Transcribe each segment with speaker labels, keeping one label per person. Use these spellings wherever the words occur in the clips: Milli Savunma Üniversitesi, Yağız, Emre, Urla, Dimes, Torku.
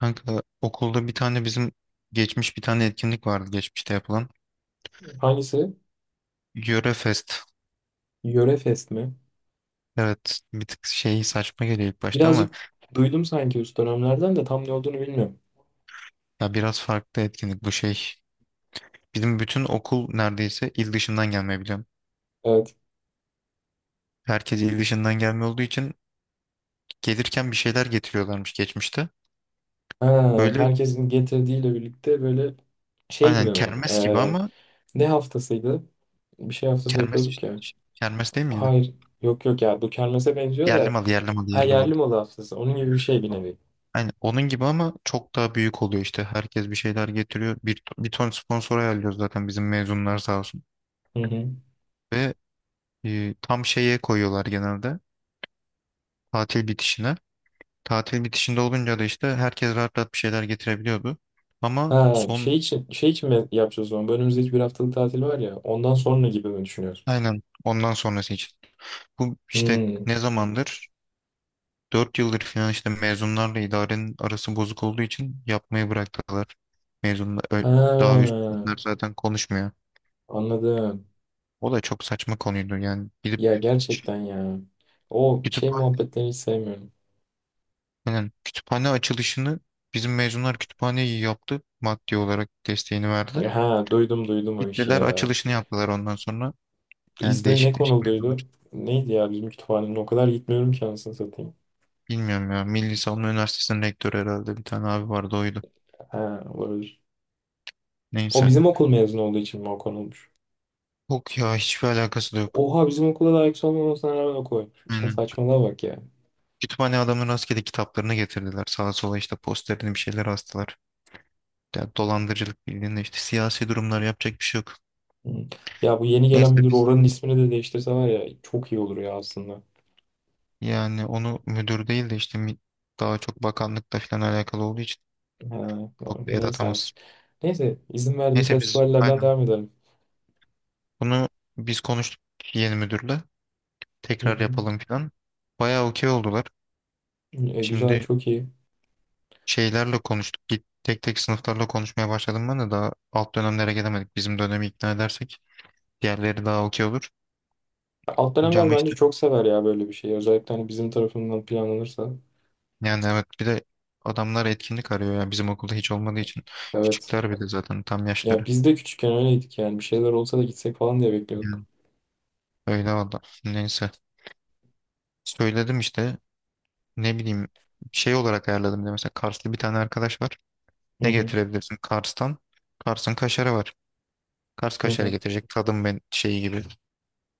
Speaker 1: Kanka okulda bir tane bizim geçmiş bir tane etkinlik vardı geçmişte yapılan.
Speaker 2: Hangisi?
Speaker 1: Yöre Fest.
Speaker 2: Yöre Fest mi?
Speaker 1: Evet, bir tık şey saçma geliyor ilk başta ama
Speaker 2: Birazcık duydum sanki üst dönemlerden de tam ne olduğunu bilmiyorum.
Speaker 1: ya biraz farklı etkinlik bu şey. Bizim bütün okul neredeyse il dışından gelmeyi biliyorum.
Speaker 2: Evet.
Speaker 1: Herkes il dışından gelme olduğu için gelirken bir şeyler getiriyorlarmış geçmişte.
Speaker 2: Ha,
Speaker 1: Böyle
Speaker 2: herkesin getirdiğiyle birlikte böyle şey
Speaker 1: aynen
Speaker 2: gibi mi?
Speaker 1: kermes gibi ama
Speaker 2: Ne haftasıydı? Bir şey haftası
Speaker 1: kermes
Speaker 2: yapıyorduk
Speaker 1: işte.
Speaker 2: ya.
Speaker 1: Kermes değil miydi?
Speaker 2: Hayır. Yok yok ya. Bu kermese benziyor
Speaker 1: Yerli
Speaker 2: da.
Speaker 1: malı, yerli malı,
Speaker 2: Ha,
Speaker 1: yerli malı.
Speaker 2: yerli malı haftası. Onun gibi bir şey bir nevi.
Speaker 1: Hani onun gibi ama çok daha büyük oluyor işte. Herkes bir şeyler getiriyor. Bir ton sponsor ayarlıyoruz zaten, bizim mezunlar sağ olsun.
Speaker 2: Hı hı.
Speaker 1: Ve tam şeye koyuyorlar genelde. Tatil bitişine. Tatil bitişinde olunca da işte herkes rahat rahat bir şeyler getirebiliyordu. Ama
Speaker 2: Ha,
Speaker 1: son
Speaker 2: şey için şey için mi yapacağız o zaman? Bu önümüzdeki bir haftalık tatil var ya. Ondan sonra gibi mi düşünüyorsun?
Speaker 1: aynen ondan sonrası için. Bu işte
Speaker 2: Hmm.
Speaker 1: ne zamandır? Dört yıldır falan işte mezunlarla idarenin arası bozuk olduğu için yapmayı bıraktılar. Mezunlar
Speaker 2: Ha,
Speaker 1: daha üstler zaten konuşmuyor.
Speaker 2: anladım.
Speaker 1: O da çok saçma konuydu. Yani gidip
Speaker 2: Ya gerçekten ya. O şey
Speaker 1: kütüphane,
Speaker 2: muhabbetlerini hiç sevmiyorum.
Speaker 1: kütüphane açılışını bizim mezunlar kütüphaneyi yaptı. Maddi olarak desteğini verdi.
Speaker 2: Ha, duydum duydum o işi
Speaker 1: Gittiler
Speaker 2: ya.
Speaker 1: açılışını yaptılar ondan sonra. Yani
Speaker 2: İsmi ne
Speaker 1: değişik değişik mevzular.
Speaker 2: konulduydu? Neydi ya, bizim kütüphanenin o kadar gitmiyorum ki anasını satayım.
Speaker 1: Bilmiyorum ya. Milli Savunma Üniversitesi'nin rektörü herhalde, bir tane abi vardı, oydu.
Speaker 2: Ha, olabilir. O
Speaker 1: Neyse.
Speaker 2: bizim okul mezunu olduğu için mi o konulmuş?
Speaker 1: Yok ya, hiçbir alakası da yok.
Speaker 2: Oha, bizim okula da ayak olmamasına rağmen o koymuş.
Speaker 1: Aynen.
Speaker 2: Saçmalığa bak ya.
Speaker 1: Kütüphane adamın rastgele kitaplarını getirdiler. Sağa sola işte posterini bir şeyler astılar. Yani dolandırıcılık bildiğinde işte siyasi durumlar, yapacak bir şey yok.
Speaker 2: Hı. Ya, bu yeni gelen
Speaker 1: Neyse
Speaker 2: müdür
Speaker 1: biz,
Speaker 2: oranın ismini de değiştirse var ya, çok iyi olur ya aslında.
Speaker 1: yani onu müdür değil de işte daha çok bakanlıkla falan alakalı olduğu için
Speaker 2: Ha,
Speaker 1: çok da el
Speaker 2: neyse artık.
Speaker 1: atamaz.
Speaker 2: Neyse, izin verdiği
Speaker 1: Neyse biz
Speaker 2: festivallerden
Speaker 1: aynen
Speaker 2: devam edelim.
Speaker 1: bunu biz konuştuk yeni müdürle.
Speaker 2: Hı
Speaker 1: Tekrar
Speaker 2: hı.
Speaker 1: yapalım falan. Bayağı okey oldular.
Speaker 2: E, güzel,
Speaker 1: Şimdi
Speaker 2: çok iyi.
Speaker 1: şeylerle konuştuk. Git tek tek sınıflarla konuşmaya başladım, ben de daha alt dönemlere gelemedik. Bizim dönemi ikna edersek diğerleri daha okey olur.
Speaker 2: Alt
Speaker 1: Önce
Speaker 2: dönemler
Speaker 1: ama
Speaker 2: bence
Speaker 1: işte,
Speaker 2: çok sever ya böyle bir şeyi. Özellikle hani bizim tarafından planlanırsa.
Speaker 1: yani evet, bir de adamlar etkinlik arıyor ya bizim okulda hiç olmadığı için.
Speaker 2: Evet.
Speaker 1: Küçükler bile zaten tam yaşları.
Speaker 2: Ya biz de küçükken öyleydik yani. Bir şeyler olsa da gitsek falan diye bekliyorduk.
Speaker 1: Yani öyle valla. Neyse. Söyledim işte, ne bileyim, şey olarak ayarladım. Bir de mesela Karslı bir tane arkadaş var.
Speaker 2: Hı
Speaker 1: Ne
Speaker 2: hı.
Speaker 1: getirebilirsin Kars'tan? Kars'ın kaşarı var. Kars
Speaker 2: Hı
Speaker 1: kaşarı
Speaker 2: hı.
Speaker 1: getirecek, tadım ben şeyi gibi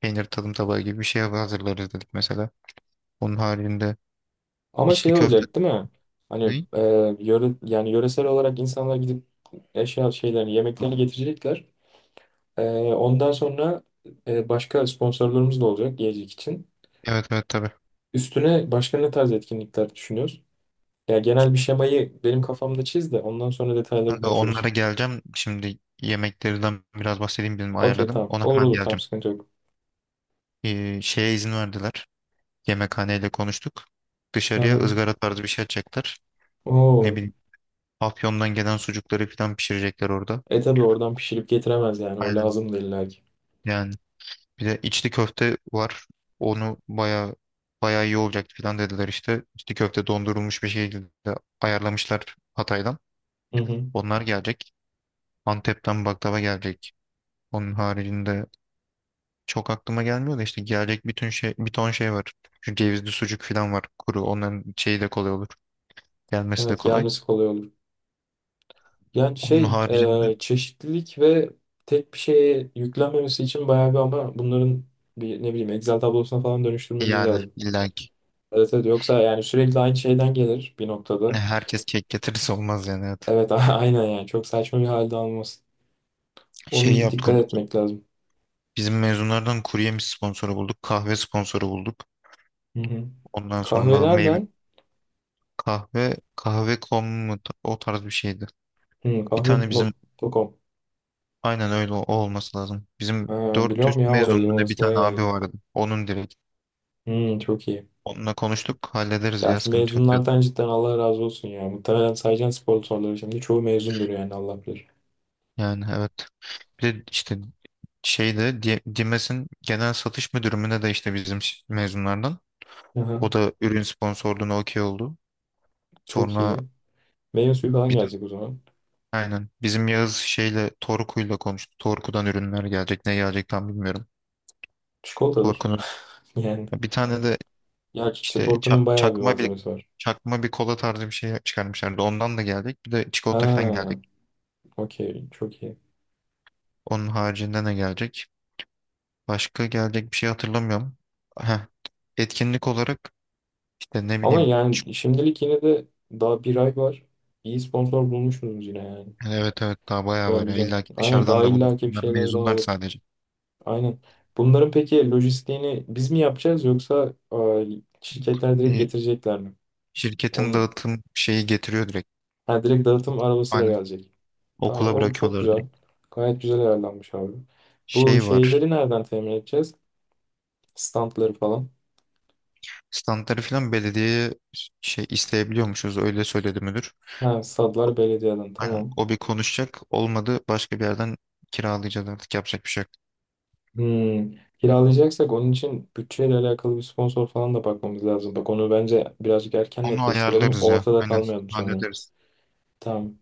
Speaker 1: peynir tadım tabağı gibi bir şey hazırlarız dedik mesela. Onun haricinde
Speaker 2: Ama
Speaker 1: içli
Speaker 2: şey
Speaker 1: köfte
Speaker 2: olacak değil mi? Hani
Speaker 1: ne?
Speaker 2: yöre, yani yöresel olarak insanlar gidip eşya şeylerini, yemeklerini getirecekler. E, Ondan sonra başka sponsorlarımız da olacak yiyecek için.
Speaker 1: Evet evet, tabii.
Speaker 2: Üstüne başka ne tarz etkinlikler düşünüyoruz? Ya, genel bir şemayı benim kafamda çiz de ondan sonra detayları
Speaker 1: Kanka
Speaker 2: konuşuruz.
Speaker 1: onlara geleceğim. Şimdi yemeklerden biraz bahsedeyim, benim
Speaker 2: Okey,
Speaker 1: ayarladım.
Speaker 2: tamam.
Speaker 1: Ona
Speaker 2: Olur
Speaker 1: hemen
Speaker 2: olur, tamam,
Speaker 1: geleceğim.
Speaker 2: sıkıntı yok.
Speaker 1: Şeye izin verdiler. Yemekhaneyle konuştuk.
Speaker 2: Hı
Speaker 1: Dışarıya
Speaker 2: hı.
Speaker 1: ızgara tarzı bir şey açacaklar. Ne
Speaker 2: Oo.
Speaker 1: bileyim, Afyon'dan gelen sucukları falan pişirecekler orada.
Speaker 2: E tabii, oradan pişirip getiremez yani. O
Speaker 1: Aynen.
Speaker 2: lazım da illa ki.
Speaker 1: Yani bir de içli köfte var. Onu baya baya iyi olacak falan dediler işte. İçli köfte dondurulmuş bir şekilde ayarlamışlar Hatay'dan.
Speaker 2: Hı hı.
Speaker 1: Onlar gelecek. Antep'ten baklava gelecek. Onun haricinde çok aklıma gelmiyor da işte gelecek bütün şey, bir ton şey var. Çünkü cevizli sucuk falan var kuru. Onların şeyi de kolay olur. Gelmesi de
Speaker 2: Evet,
Speaker 1: kolay.
Speaker 2: gelmesi kolay olur. Yani
Speaker 1: Onun
Speaker 2: şey,
Speaker 1: haricinde
Speaker 2: çeşitlilik ve tek bir şeye yüklenmemesi için bayağı bir, ama bunların bir ne bileyim Excel tablosuna falan dönüştürmemiz
Speaker 1: yani
Speaker 2: lazım.
Speaker 1: illa ki,
Speaker 2: Evet evet, yoksa yani sürekli aynı şeyden gelir bir
Speaker 1: ne
Speaker 2: noktada.
Speaker 1: herkes kek getirirse olmaz yani, evet.
Speaker 2: Evet, aynen, yani çok saçma bir halde almasın.
Speaker 1: Şey
Speaker 2: Onu bir
Speaker 1: yaptık
Speaker 2: dikkat
Speaker 1: onu.
Speaker 2: etmek lazım.
Speaker 1: Bizim mezunlardan kurye mi sponsoru bulduk, kahve sponsoru bulduk.
Speaker 2: Hı hı.
Speaker 1: Ondan
Speaker 2: Kahve
Speaker 1: sonra meyve
Speaker 2: nereden?
Speaker 1: kahve, kahve.com mu, o tarz bir şeydi.
Speaker 2: Hı,
Speaker 1: Bir tane bizim
Speaker 2: kahve.com.
Speaker 1: aynen öyle o olması lazım. Bizim
Speaker 2: Ha,
Speaker 1: 400
Speaker 2: biliyorum ya orayı,
Speaker 1: mezunluğunda bir
Speaker 2: orası
Speaker 1: tane
Speaker 2: bayağı
Speaker 1: abi
Speaker 2: iyi.
Speaker 1: vardı. Onun direkt.
Speaker 2: Hı, çok iyi.
Speaker 1: Onunla konuştuk, hallederiz
Speaker 2: Ya
Speaker 1: ya
Speaker 2: şu
Speaker 1: sıkıntı yok dedi.
Speaker 2: mezunlardan cidden Allah razı olsun ya. Muhtemelen sayacağın sponsorları şimdi çoğu mezundur yani, Allah bilir.
Speaker 1: Yani evet. Bir de işte şeyde, Dimes'in genel satış müdürü mü ne de işte bizim mezunlardan.
Speaker 2: Aha,
Speaker 1: O da ürün sponsorluğuna okey oldu.
Speaker 2: çok
Speaker 1: Sonra
Speaker 2: iyi. Meyve suyu falan
Speaker 1: bizim
Speaker 2: gelecek o zaman.
Speaker 1: aynen. Bizim Yağız şeyle Torku'yla konuştu. Torku'dan ürünler gelecek. Ne gelecek tam bilmiyorum.
Speaker 2: Çikolatadır.
Speaker 1: Torku'nun
Speaker 2: Yani.
Speaker 1: bir tane de
Speaker 2: Ya,
Speaker 1: işte
Speaker 2: Çatorku'nun bayağı bir
Speaker 1: çakma bir
Speaker 2: malzemesi var.
Speaker 1: çakma bir kola tarzı bir şey çıkarmışlardı. Ondan da gelecek. Bir de çikolata falan
Speaker 2: Ha,
Speaker 1: gelecek.
Speaker 2: okey. Çok iyi.
Speaker 1: Onun haricinde ne gelecek? Başka gelecek bir şey hatırlamıyorum. Heh. Etkinlik olarak işte ne
Speaker 2: Ama
Speaker 1: bileyim
Speaker 2: yani şimdilik yine de daha bir ay var. İyi sponsor bulmuşsunuz yine yani.
Speaker 1: evet evet, daha bayağı
Speaker 2: Güzel
Speaker 1: var ya.
Speaker 2: güzel.
Speaker 1: İlla ki
Speaker 2: Aynen,
Speaker 1: dışarıdan
Speaker 2: daha
Speaker 1: da buluruz.
Speaker 2: illaki bir
Speaker 1: Bunlar
Speaker 2: şeyler daha
Speaker 1: mezunlar
Speaker 2: olur.
Speaker 1: sadece.
Speaker 2: Aynen. Bunların peki lojistiğini biz mi yapacağız, yoksa şirketler direkt
Speaker 1: Bir
Speaker 2: getirecekler mi?
Speaker 1: şirketin
Speaker 2: Onun,
Speaker 1: dağıtım şeyi getiriyor direkt.
Speaker 2: ha, direkt dağıtım arabasıyla
Speaker 1: Aynen.
Speaker 2: gelecek. Tamam,
Speaker 1: Okula
Speaker 2: o çok
Speaker 1: bırakıyorlar
Speaker 2: güzel.
Speaker 1: direkt.
Speaker 2: Gayet güzel ayarlanmış abi. Bu
Speaker 1: Şey var.
Speaker 2: şeyleri nereden temin edeceğiz? Standları falan.
Speaker 1: Standları falan belediyeye şey isteyebiliyormuşuz, öyle söyledi müdür.
Speaker 2: Ha, stadlar belediyeden,
Speaker 1: Aynen.
Speaker 2: tamam.
Speaker 1: O bir konuşacak, olmadı başka bir yerden kiralayacağız artık, yapacak bir şey yok.
Speaker 2: Hmm. Kiralayacaksak onun için bütçeyle alakalı bir sponsor falan da bakmamız lazım. Bak, onu bence birazcık erken
Speaker 1: Onu
Speaker 2: netleştirelim.
Speaker 1: ayarlarız ya,
Speaker 2: Ortada
Speaker 1: aynen
Speaker 2: kalmayalım sonra.
Speaker 1: hallederiz.
Speaker 2: Tamam.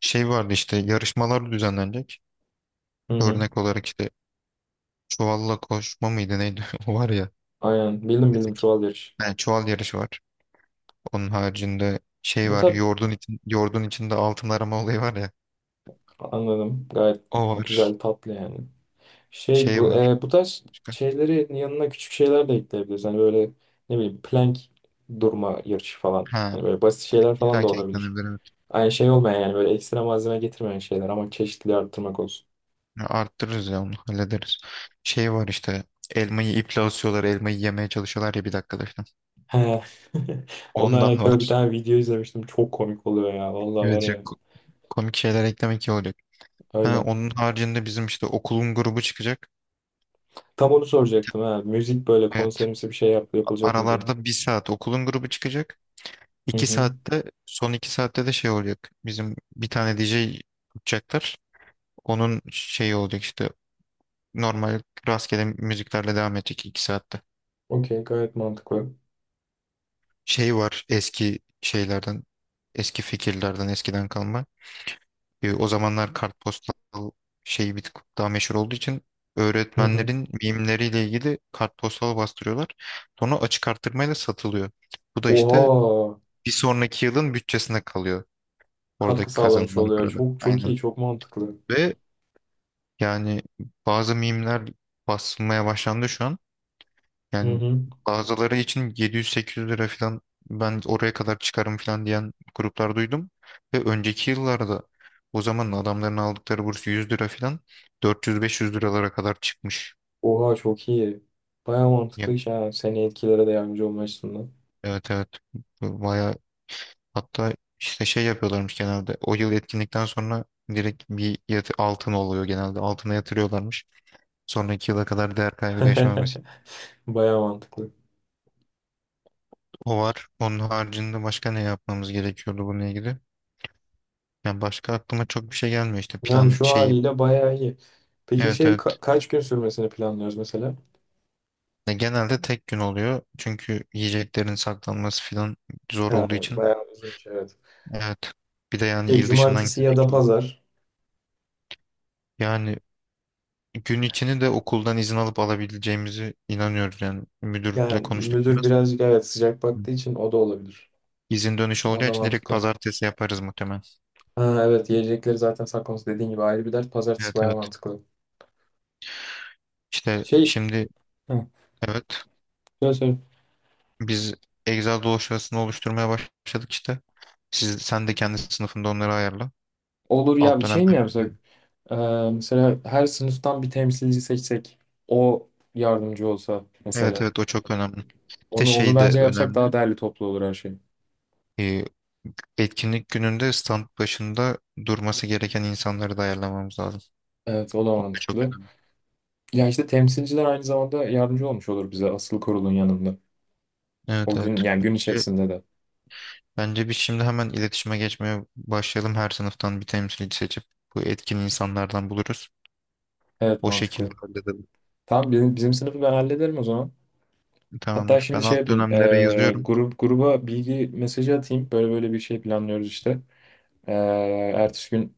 Speaker 1: Şey vardı işte, yarışmalar düzenlenecek.
Speaker 2: Hı hı.
Speaker 1: Örnek olarak işte çuvalla koşma mıydı neydi o var ya.
Speaker 2: Aynen. Bildim bildim,
Speaker 1: Meslek.
Speaker 2: çuval yarışı.
Speaker 1: Yani çuval yarışı var. Onun haricinde şey
Speaker 2: Bu
Speaker 1: var,
Speaker 2: tarz,
Speaker 1: yoğurdun içinde altın arama olayı var ya.
Speaker 2: anladım. Gayet
Speaker 1: O var.
Speaker 2: güzel, tatlı yani. Şey,
Speaker 1: Şey
Speaker 2: bu
Speaker 1: var.
Speaker 2: bu tarz
Speaker 1: Başka.
Speaker 2: şeylerin yanına küçük şeyler de ekleyebiliriz. Hani böyle ne bileyim plank durma yarışı falan.
Speaker 1: Ha,
Speaker 2: Hani böyle basit şeyler falan
Speaker 1: illa
Speaker 2: da
Speaker 1: ki
Speaker 2: olabilir.
Speaker 1: eklenebilir, evet.
Speaker 2: Aynı şey olmayan yani, böyle ekstra malzeme getirmeyen şeyler, ama çeşitliliği arttırmak olsun.
Speaker 1: Ya, arttırırız ya, onu hallederiz. Şey var işte, elmayı iple asıyorlar, elmayı yemeye çalışıyorlar ya bir dakikada falan.
Speaker 2: He. Onunla
Speaker 1: Ondan
Speaker 2: alakalı bir
Speaker 1: var.
Speaker 2: tane video izlemiştim. Çok komik oluyor ya. Vallahi var
Speaker 1: Evet ya,
Speaker 2: ya
Speaker 1: komik şeyler eklemek iyi olacak. Ha,
Speaker 2: öyle.
Speaker 1: onun haricinde bizim işte okulun grubu çıkacak.
Speaker 2: Tam onu soracaktım ha. Müzik böyle
Speaker 1: Evet,
Speaker 2: konserimsi bir şey yap, yapılacak mı diye.
Speaker 1: aralarda bir saat okulun grubu çıkacak.
Speaker 2: Hı
Speaker 1: İki
Speaker 2: hı.
Speaker 1: saatte, son iki saatte de şey olacak. Bizim bir tane DJ tutacaklar. Onun şeyi olacak işte normal rastgele müziklerle devam edecek iki saatte.
Speaker 2: Okey, gayet mantıklı.
Speaker 1: Şey var eski şeylerden, eski fikirlerden, eskiden kalma. O zamanlar kartpostal şeyi bir tık daha meşhur olduğu için
Speaker 2: Hı hı.
Speaker 1: öğretmenlerin mimleriyle ilgili kartpostal bastırıyorlar. Sonra açık arttırmayla satılıyor. Bu da işte
Speaker 2: Oha,
Speaker 1: bir sonraki yılın bütçesine kalıyor,
Speaker 2: katkı
Speaker 1: oradaki
Speaker 2: sağlamış
Speaker 1: kazanılan
Speaker 2: oluyor.
Speaker 1: parada.
Speaker 2: Çok çok
Speaker 1: Aynen.
Speaker 2: iyi, çok mantıklı.
Speaker 1: Ve yani bazı mimler basılmaya başlandı şu an.
Speaker 2: Hı
Speaker 1: Yani
Speaker 2: hı.
Speaker 1: bazıları için 700-800 lira falan, ben oraya kadar çıkarım falan diyen gruplar duydum. Ve önceki yıllarda o zaman adamların aldıkları burs 100 lira falan, 400-500 liralara kadar çıkmış.
Speaker 2: Oha, çok iyi. Baya mantıklı
Speaker 1: Yani,
Speaker 2: iş ha. Seni etkilere de yardımcı olma açısından.
Speaker 1: evet evet, baya, hatta işte şey yapıyorlarmış genelde o yıl etkinlikten sonra direkt bir yatı, altın oluyor genelde, altına yatırıyorlarmış. Sonraki yıla kadar değer kaybı yaşamaması.
Speaker 2: Baya mantıklı.
Speaker 1: O var. Onun haricinde başka ne yapmamız gerekiyordu bununla ilgili? Yani başka aklıma çok bir şey gelmiyor işte,
Speaker 2: Yani
Speaker 1: plan
Speaker 2: şu
Speaker 1: şeyi.
Speaker 2: haliyle baya iyi. Peki
Speaker 1: Evet
Speaker 2: şey,
Speaker 1: evet.
Speaker 2: kaç gün sürmesini planlıyoruz mesela?
Speaker 1: Ya genelde tek gün oluyor. Çünkü yiyeceklerin saklanması falan zor
Speaker 2: Ha,
Speaker 1: olduğu için.
Speaker 2: baya uzun iş, evet.
Speaker 1: Evet. Bir de yani
Speaker 2: Şey,
Speaker 1: il dışından
Speaker 2: cumartesi ya
Speaker 1: gelecek
Speaker 2: da
Speaker 1: çoğu.
Speaker 2: pazar.
Speaker 1: Yani gün içini de okuldan izin alıp alabileceğimizi inanıyoruz yani. Müdürle
Speaker 2: Yani
Speaker 1: konuştuk
Speaker 2: müdür
Speaker 1: biraz.
Speaker 2: birazcık evet sıcak
Speaker 1: Hı.
Speaker 2: baktığı için o da olabilir.
Speaker 1: İzin dönüşü
Speaker 2: O
Speaker 1: olacağı
Speaker 2: da
Speaker 1: için direkt
Speaker 2: mantıklı.
Speaker 1: pazartesi yaparız muhtemelen.
Speaker 2: Ha, evet, yiyecekleri zaten saklaması dediğin gibi ayrı bir dert. Pazartesi
Speaker 1: Evet
Speaker 2: baya
Speaker 1: evet.
Speaker 2: mantıklı.
Speaker 1: İşte
Speaker 2: Şey,
Speaker 1: şimdi
Speaker 2: hı.
Speaker 1: evet,
Speaker 2: Söyle söyle.
Speaker 1: biz Excel dosyasını oluşturmaya başladık işte. Siz, sen de kendi sınıfında onları ayarla.
Speaker 2: Olur ya,
Speaker 1: Alt
Speaker 2: bir
Speaker 1: dönemde.
Speaker 2: şey mi yapsak? Ee, Mesela her sınıftan bir temsilci seçsek. O yardımcı olsa
Speaker 1: Evet
Speaker 2: mesela.
Speaker 1: evet, o çok önemli. Bir de
Speaker 2: Onu
Speaker 1: şey de
Speaker 2: bence yapsak
Speaker 1: önemli.
Speaker 2: daha değerli, toplu olur her şey.
Speaker 1: Ee, etkinlik gününde stand başında durması gereken insanları da ayarlamamız lazım.
Speaker 2: Evet, o da
Speaker 1: O da çok
Speaker 2: mantıklı.
Speaker 1: önemli.
Speaker 2: Ya işte temsilciler aynı zamanda yardımcı olmuş olur bize, asıl kurulun yanında.
Speaker 1: Evet
Speaker 2: O
Speaker 1: evet.
Speaker 2: gün yani gün
Speaker 1: Bence,
Speaker 2: içerisinde de.
Speaker 1: bence biz şimdi hemen iletişime geçmeye başlayalım. Her sınıftan bir temsilci seçip bu etkin insanlardan buluruz.
Speaker 2: Evet,
Speaker 1: O
Speaker 2: mantıklı.
Speaker 1: şekilde halledelim.
Speaker 2: Tamam, bizim sınıfı ben hallederim o zaman. Hatta
Speaker 1: Tamamdır. Ben
Speaker 2: şimdi şey
Speaker 1: alt
Speaker 2: yapayım.
Speaker 1: dönemlere yazıyorum.
Speaker 2: Grup gruba bilgi mesajı atayım. Böyle böyle bir şey planlıyoruz işte. Ee, Ertesi gün,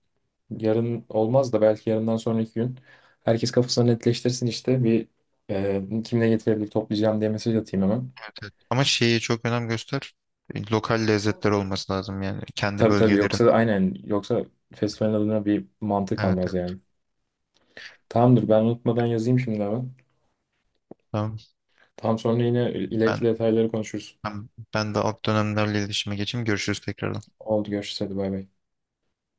Speaker 2: yarın olmaz da belki yarından sonraki gün herkes kafasını netleştirsin işte bir kimle getirebilir toplayacağım diye mesaj atayım hemen.
Speaker 1: Evet, evet. Ama şeyi çok önem göster. Lokal lezzetler olması lazım yani. Kendi
Speaker 2: Tabii tabii,
Speaker 1: bölgelerin.
Speaker 2: yoksa aynen, yoksa festivalin adına bir mantık
Speaker 1: Evet,
Speaker 2: almaz
Speaker 1: evet.
Speaker 2: yani. Tamamdır, ben unutmadan yazayım şimdi hemen.
Speaker 1: Tamam.
Speaker 2: Tam sonra yine
Speaker 1: Ben
Speaker 2: ileriki detayları konuşuruz.
Speaker 1: ben de alt dönemlerle iletişime geçeyim. Görüşürüz tekrar.
Speaker 2: Oldu, görüşürüz, hadi bay bay.